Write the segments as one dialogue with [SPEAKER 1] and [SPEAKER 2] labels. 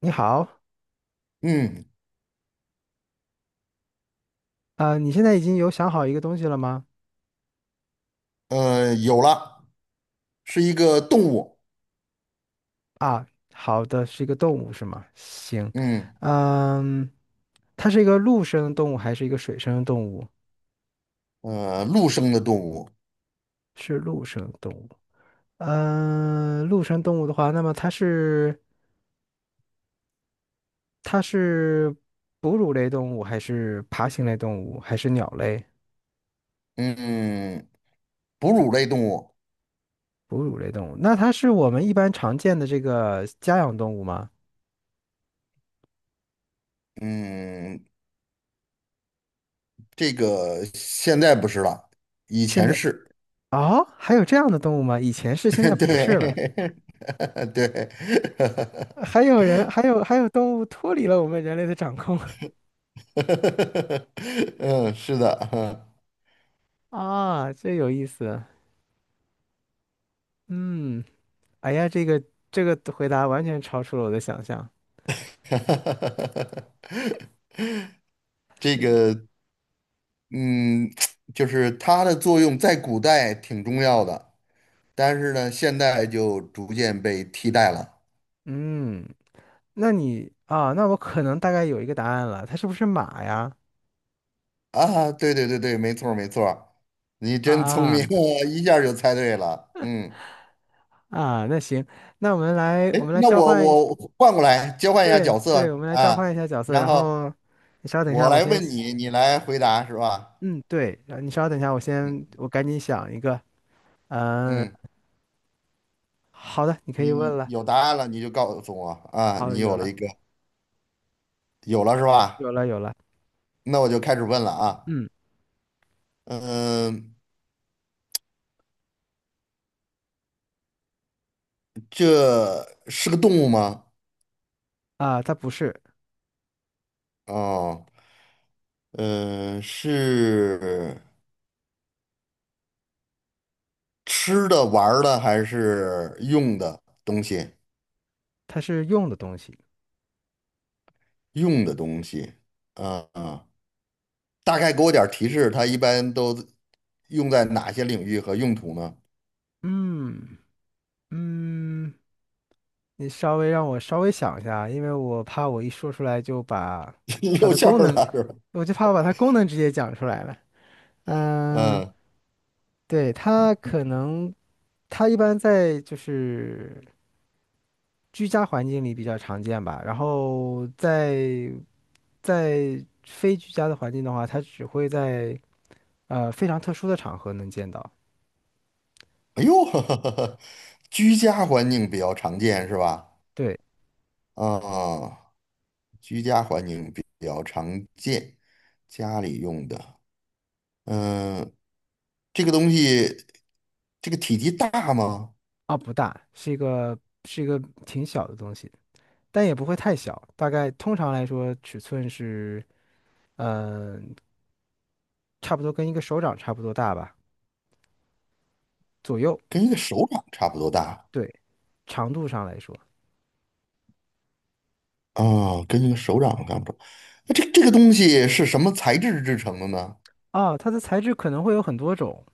[SPEAKER 1] 你好，
[SPEAKER 2] 嗯，
[SPEAKER 1] 你现在已经有想好一个东西了吗？
[SPEAKER 2] 有了，是一个动物。
[SPEAKER 1] 啊，好的，是一个动物是吗？行，
[SPEAKER 2] 嗯，
[SPEAKER 1] 嗯，它是一个陆生的动物还是一个水生的动物？
[SPEAKER 2] 陆生的动物。
[SPEAKER 1] 是陆生的动物。嗯，陆生动物的话，那么它是它是哺乳类动物还是爬行类动物还是鸟类？
[SPEAKER 2] 嗯，哺乳类动物。
[SPEAKER 1] 哺乳类动物，那它是我们一般常见的这个家养动物吗？
[SPEAKER 2] 嗯，这个现在不是了，以
[SPEAKER 1] 现
[SPEAKER 2] 前
[SPEAKER 1] 在
[SPEAKER 2] 是。
[SPEAKER 1] 哦，还有这样的动物吗？以前是，现在 不是了。
[SPEAKER 2] 对。对。
[SPEAKER 1] 还有人，还有动物脱离了我们人类的掌控。
[SPEAKER 2] 嗯，是的。
[SPEAKER 1] 啊，这有意思。嗯，哎呀，这个回答完全超出了我的想象。
[SPEAKER 2] 这
[SPEAKER 1] 是，
[SPEAKER 2] 个，嗯，就是它的作用在古代挺重要的，但是呢，现在就逐渐被替代了。
[SPEAKER 1] 嗯，那你啊，那我可能大概有一个答案了，它是不是马呀？
[SPEAKER 2] 啊，对对对对，没错儿没错儿，你真聪明
[SPEAKER 1] 啊，
[SPEAKER 2] 啊，一下儿就猜对了。嗯，
[SPEAKER 1] 啊，那行，那我们来
[SPEAKER 2] 哎，那
[SPEAKER 1] 交
[SPEAKER 2] 我
[SPEAKER 1] 换一下，
[SPEAKER 2] 我换过来交换一下
[SPEAKER 1] 对
[SPEAKER 2] 角色
[SPEAKER 1] 对，我们来交
[SPEAKER 2] 啊，
[SPEAKER 1] 换一下角色，
[SPEAKER 2] 然
[SPEAKER 1] 然
[SPEAKER 2] 后
[SPEAKER 1] 后你稍等一
[SPEAKER 2] 我
[SPEAKER 1] 下，我
[SPEAKER 2] 来
[SPEAKER 1] 先，
[SPEAKER 2] 问你，你来回答是吧？
[SPEAKER 1] 嗯，对，然后你稍等一下，我先赶紧想一个，嗯，
[SPEAKER 2] 嗯，
[SPEAKER 1] 好的，你可以问
[SPEAKER 2] 你
[SPEAKER 1] 了，
[SPEAKER 2] 有答案了你就告诉我啊，
[SPEAKER 1] 好，
[SPEAKER 2] 你
[SPEAKER 1] 有
[SPEAKER 2] 有了
[SPEAKER 1] 了
[SPEAKER 2] 一个，有了是
[SPEAKER 1] 有
[SPEAKER 2] 吧？
[SPEAKER 1] 了有了。
[SPEAKER 2] 那我就开始问了啊。
[SPEAKER 1] 嗯
[SPEAKER 2] 嗯，这是个动物吗？
[SPEAKER 1] 啊，它不是，
[SPEAKER 2] 哦，嗯，是吃的、玩儿的还是用的东西？
[SPEAKER 1] 它是用的东西。
[SPEAKER 2] 用的东西，啊、啊，大概给我点儿提示，它一般都用在哪些领域和用途呢？
[SPEAKER 1] 嗯嗯，你稍微让我稍微想一下，因为我怕我一说出来就把 它
[SPEAKER 2] 露
[SPEAKER 1] 的
[SPEAKER 2] 馅
[SPEAKER 1] 功
[SPEAKER 2] 儿
[SPEAKER 1] 能，
[SPEAKER 2] 了是吧？
[SPEAKER 1] 我就怕我把它功能直接讲出来了。嗯，
[SPEAKER 2] 嗯，
[SPEAKER 1] 对，它可能一般在就是居家环境里比较常见吧，然后在非居家的环境的话，它只会在非常特殊的场合能见到。
[SPEAKER 2] 哎呦，居家环境比较常见是吧？
[SPEAKER 1] 对。
[SPEAKER 2] 啊、居家环境比较常见，家里用的，嗯、这个东西，这个体积大吗？
[SPEAKER 1] 啊，不大，是一个是一个挺小的东西，但也不会太小，大概通常来说尺寸是，嗯，差不多跟一个手掌差不多大吧，左右。
[SPEAKER 2] 跟一个手掌差不多大
[SPEAKER 1] 对，长度上来说，
[SPEAKER 2] 啊、跟一个手掌差不多。那这个东西是什么材质制成的呢？
[SPEAKER 1] 啊，它的材质可能会有很多种，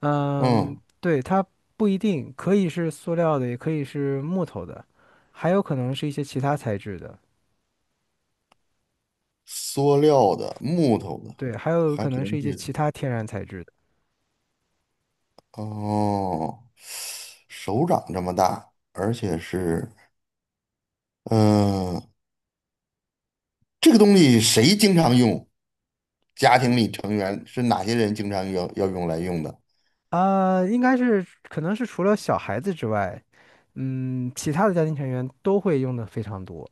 [SPEAKER 1] 嗯，
[SPEAKER 2] 嗯，
[SPEAKER 1] 对，它不一定，可以是塑料的，也可以是木头的，还有可能是一些其他材质的，
[SPEAKER 2] 塑料的、木头的，
[SPEAKER 1] 对，还有
[SPEAKER 2] 还
[SPEAKER 1] 可
[SPEAKER 2] 可
[SPEAKER 1] 能是
[SPEAKER 2] 能
[SPEAKER 1] 一些
[SPEAKER 2] 是
[SPEAKER 1] 其他天然材质的。
[SPEAKER 2] 哦，手掌这么大，而且是嗯、呃这个东西谁经常用？家庭里成员是哪些人经常要用来用的？
[SPEAKER 1] 啊，应该是可能是除了小孩子之外，嗯，其他的家庭成员都会用的非常多。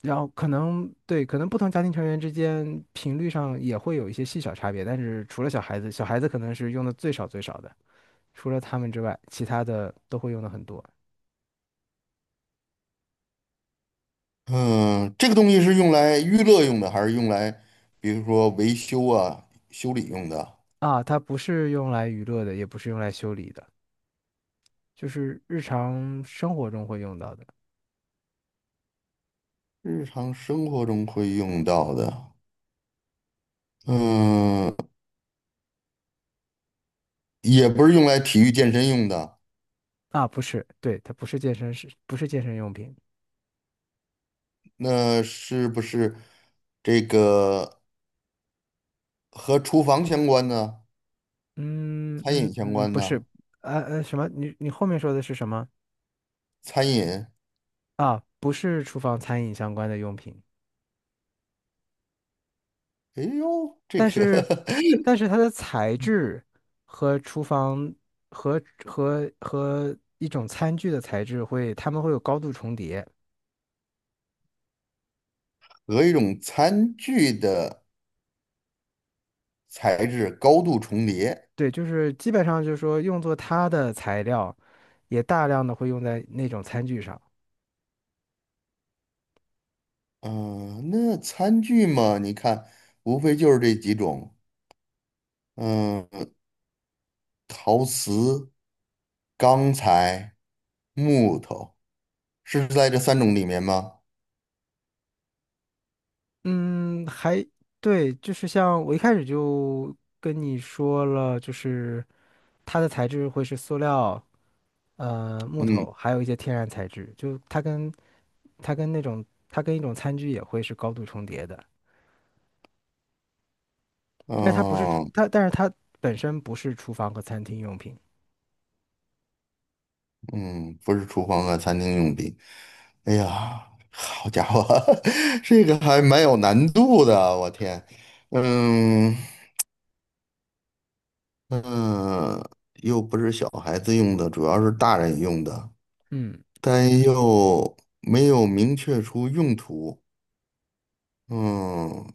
[SPEAKER 1] 然后可能对，可能不同家庭成员之间频率上也会有一些细小差别，但是除了小孩子，小孩子可能是用的最少最少的，除了他们之外，其他的都会用的很多
[SPEAKER 2] 嗯、这个东西是用来娱乐用的，还是用来比如说维修啊、修理用的？
[SPEAKER 1] 啊。它不是用来娱乐的，也不是用来修理的，就是日常生活中会用到的
[SPEAKER 2] 日常生活中会用到的，嗯、也不是用来体育健身用的。
[SPEAKER 1] 啊。不是，对，它不是健身，是不是健身用品？
[SPEAKER 2] 那是不是这个和厨房相关呢？餐饮相
[SPEAKER 1] 嗯，
[SPEAKER 2] 关
[SPEAKER 1] 不是，
[SPEAKER 2] 呢？
[SPEAKER 1] 什么？你后面说的是什么
[SPEAKER 2] 餐饮，
[SPEAKER 1] 啊？不是厨房餐饮相关的用品，
[SPEAKER 2] 哎呦，这
[SPEAKER 1] 但
[SPEAKER 2] 个
[SPEAKER 1] 是它的材质和厨房和和一种餐具的材质会，它们会有高度重叠。
[SPEAKER 2] 和一种餐具的材质高度重叠。
[SPEAKER 1] 对，就是基本上就是说用作它的材料，也大量的会用在那种餐具上。
[SPEAKER 2] 嗯、那餐具嘛，你看，无非就是这几种，嗯、陶瓷、钢材、木头，是在这三种里面吗？
[SPEAKER 1] 嗯，还对，就是像我一开始就跟你说了，就是它的材质会是塑料，呃，木
[SPEAKER 2] 嗯
[SPEAKER 1] 头，还有一些天然材质，就它跟它跟那种它跟一种餐具也会是高度重叠的，
[SPEAKER 2] 嗯、
[SPEAKER 1] 但是它不是厨
[SPEAKER 2] 呃
[SPEAKER 1] 它，但是它本身不是厨房和餐厅用品。
[SPEAKER 2] 嗯，不是厨房和餐厅用品。哎呀，好家伙，这个还蛮有难度的，我天。嗯嗯，又不是小孩子用的，主要是大人用的，
[SPEAKER 1] 嗯，
[SPEAKER 2] 但又没有明确出用途。嗯，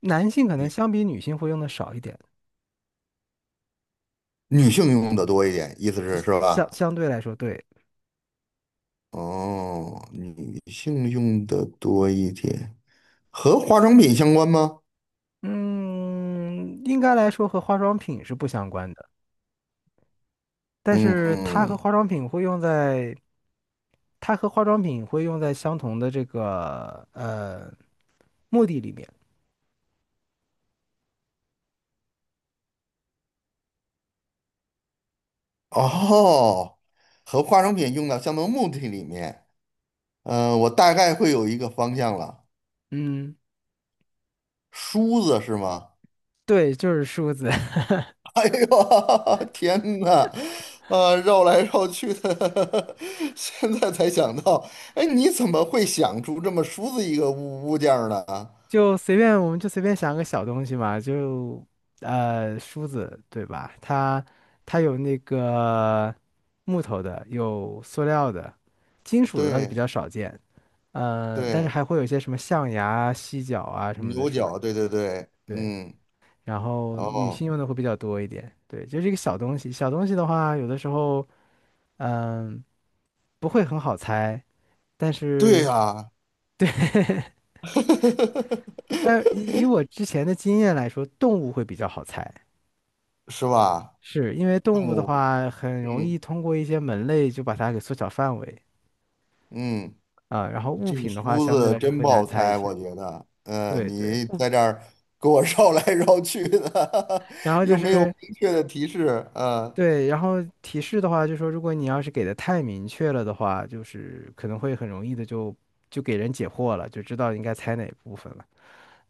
[SPEAKER 1] 男性可能相比女性会用的少一点，
[SPEAKER 2] 女性用的多一点，意思
[SPEAKER 1] 这
[SPEAKER 2] 是是吧？
[SPEAKER 1] 相对来说，对，
[SPEAKER 2] 哦，女性用的多一点，和化妆品相关吗？
[SPEAKER 1] 嗯，应该来说和化妆品是不相关的，但是它和
[SPEAKER 2] 嗯，
[SPEAKER 1] 化妆品会用在相同的这个目的里面。
[SPEAKER 2] 哦，和化妆品用到相同目的里面，嗯、我大概会有一个方向了。
[SPEAKER 1] 嗯，
[SPEAKER 2] 梳子是吗？
[SPEAKER 1] 对，就是梳子。
[SPEAKER 2] 哎呦，天呐，绕来绕去的，现在才想到，哎，你怎么会想出这么梳子一个物件儿呢？
[SPEAKER 1] 就随便，我们就随便想个小东西嘛，就梳子对吧？它有那个木头的，有塑料的，金属的倒是比
[SPEAKER 2] 对
[SPEAKER 1] 较少见，呃，但是
[SPEAKER 2] 对，
[SPEAKER 1] 还会有一些什么象牙、犀角啊什么的
[SPEAKER 2] 牛
[SPEAKER 1] 梳
[SPEAKER 2] 角，
[SPEAKER 1] 子，
[SPEAKER 2] 对对对，
[SPEAKER 1] 对。
[SPEAKER 2] 嗯，
[SPEAKER 1] 然后女性
[SPEAKER 2] 哦，
[SPEAKER 1] 用的会比较多一点，对，就是一个小东西。小东西的话，有的时候嗯、不会很好猜，但
[SPEAKER 2] 对
[SPEAKER 1] 是
[SPEAKER 2] 呀、
[SPEAKER 1] 对，以我 之前的经验来说，动物会比较好猜。
[SPEAKER 2] 是吧？
[SPEAKER 1] 是因为动
[SPEAKER 2] 动
[SPEAKER 1] 物的
[SPEAKER 2] 物，
[SPEAKER 1] 话，很容
[SPEAKER 2] 嗯
[SPEAKER 1] 易通过一些门类就把它给缩小范围
[SPEAKER 2] 嗯。
[SPEAKER 1] 啊，然后物
[SPEAKER 2] 这个
[SPEAKER 1] 品的话，
[SPEAKER 2] 梳
[SPEAKER 1] 相对
[SPEAKER 2] 子
[SPEAKER 1] 来说
[SPEAKER 2] 真
[SPEAKER 1] 会
[SPEAKER 2] 不
[SPEAKER 1] 难
[SPEAKER 2] 好
[SPEAKER 1] 猜一
[SPEAKER 2] 猜，我
[SPEAKER 1] 些。
[SPEAKER 2] 觉得，嗯，
[SPEAKER 1] 对对，
[SPEAKER 2] 你
[SPEAKER 1] 物，
[SPEAKER 2] 在这儿给我 绕来绕去的，
[SPEAKER 1] 然后 就
[SPEAKER 2] 又没有
[SPEAKER 1] 是
[SPEAKER 2] 明确的提示，啊，
[SPEAKER 1] 对，然后提示的话，就说如果你要是给的太明确了的话，就是可能会很容易的就给人解惑了，就知道应该猜哪部分了。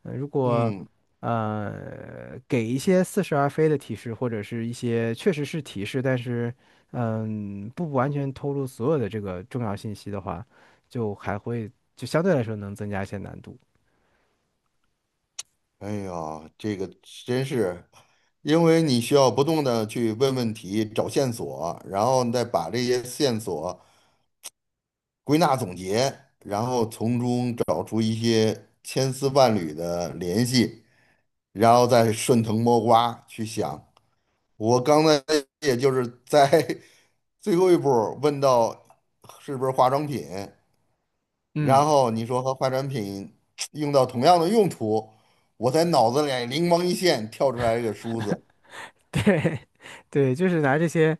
[SPEAKER 1] 呃如果
[SPEAKER 2] 嗯，
[SPEAKER 1] 给一些似是而非的提示，或者是一些确实是提示，但是嗯不完全透露所有的这个重要信息的话，就还会相对来说能增加一些难度。
[SPEAKER 2] 哎呀，这个真是，因为你需要不断的去问问题、找线索，然后你再把这些线索归纳总结，然后从中找出一些千丝万缕的联系，然后再顺藤摸瓜去想。我刚才也就是在 最后一步儿问到是不是化妆品，
[SPEAKER 1] 嗯，
[SPEAKER 2] 然后你说和化妆品 用到同样的用途，我在脑子里灵光一现，跳出来一个梳子，
[SPEAKER 1] 对对，就是拿这些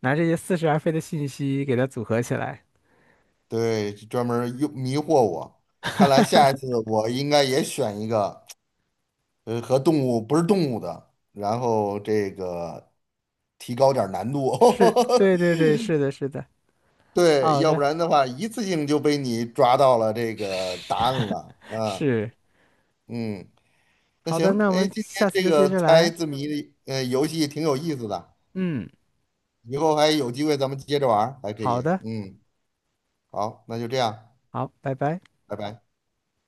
[SPEAKER 1] 似是而非的信息给它组合起来。
[SPEAKER 2] 对，专门儿用迷惑我。看来下一次我应该也选一个，和动物不是动物的，然后这个提高点儿难度。
[SPEAKER 1] 是，对对 对，是的，是的，
[SPEAKER 2] 对，
[SPEAKER 1] 好
[SPEAKER 2] 要不
[SPEAKER 1] 的，
[SPEAKER 2] 然的话，一次性就被你抓到了这个答案了。啊。
[SPEAKER 1] 是
[SPEAKER 2] 嗯，那
[SPEAKER 1] 好
[SPEAKER 2] 行，
[SPEAKER 1] 的，那我
[SPEAKER 2] 哎，
[SPEAKER 1] 们
[SPEAKER 2] 今天
[SPEAKER 1] 下
[SPEAKER 2] 这
[SPEAKER 1] 次再接
[SPEAKER 2] 个
[SPEAKER 1] 着
[SPEAKER 2] 猜
[SPEAKER 1] 来。
[SPEAKER 2] 字谜的游戏挺有意思的，
[SPEAKER 1] 嗯，
[SPEAKER 2] 以后还有机会咱们接着玩儿还可
[SPEAKER 1] 好
[SPEAKER 2] 以。
[SPEAKER 1] 的，
[SPEAKER 2] 嗯，好，那就这样，
[SPEAKER 1] 好，拜拜。
[SPEAKER 2] 拜拜。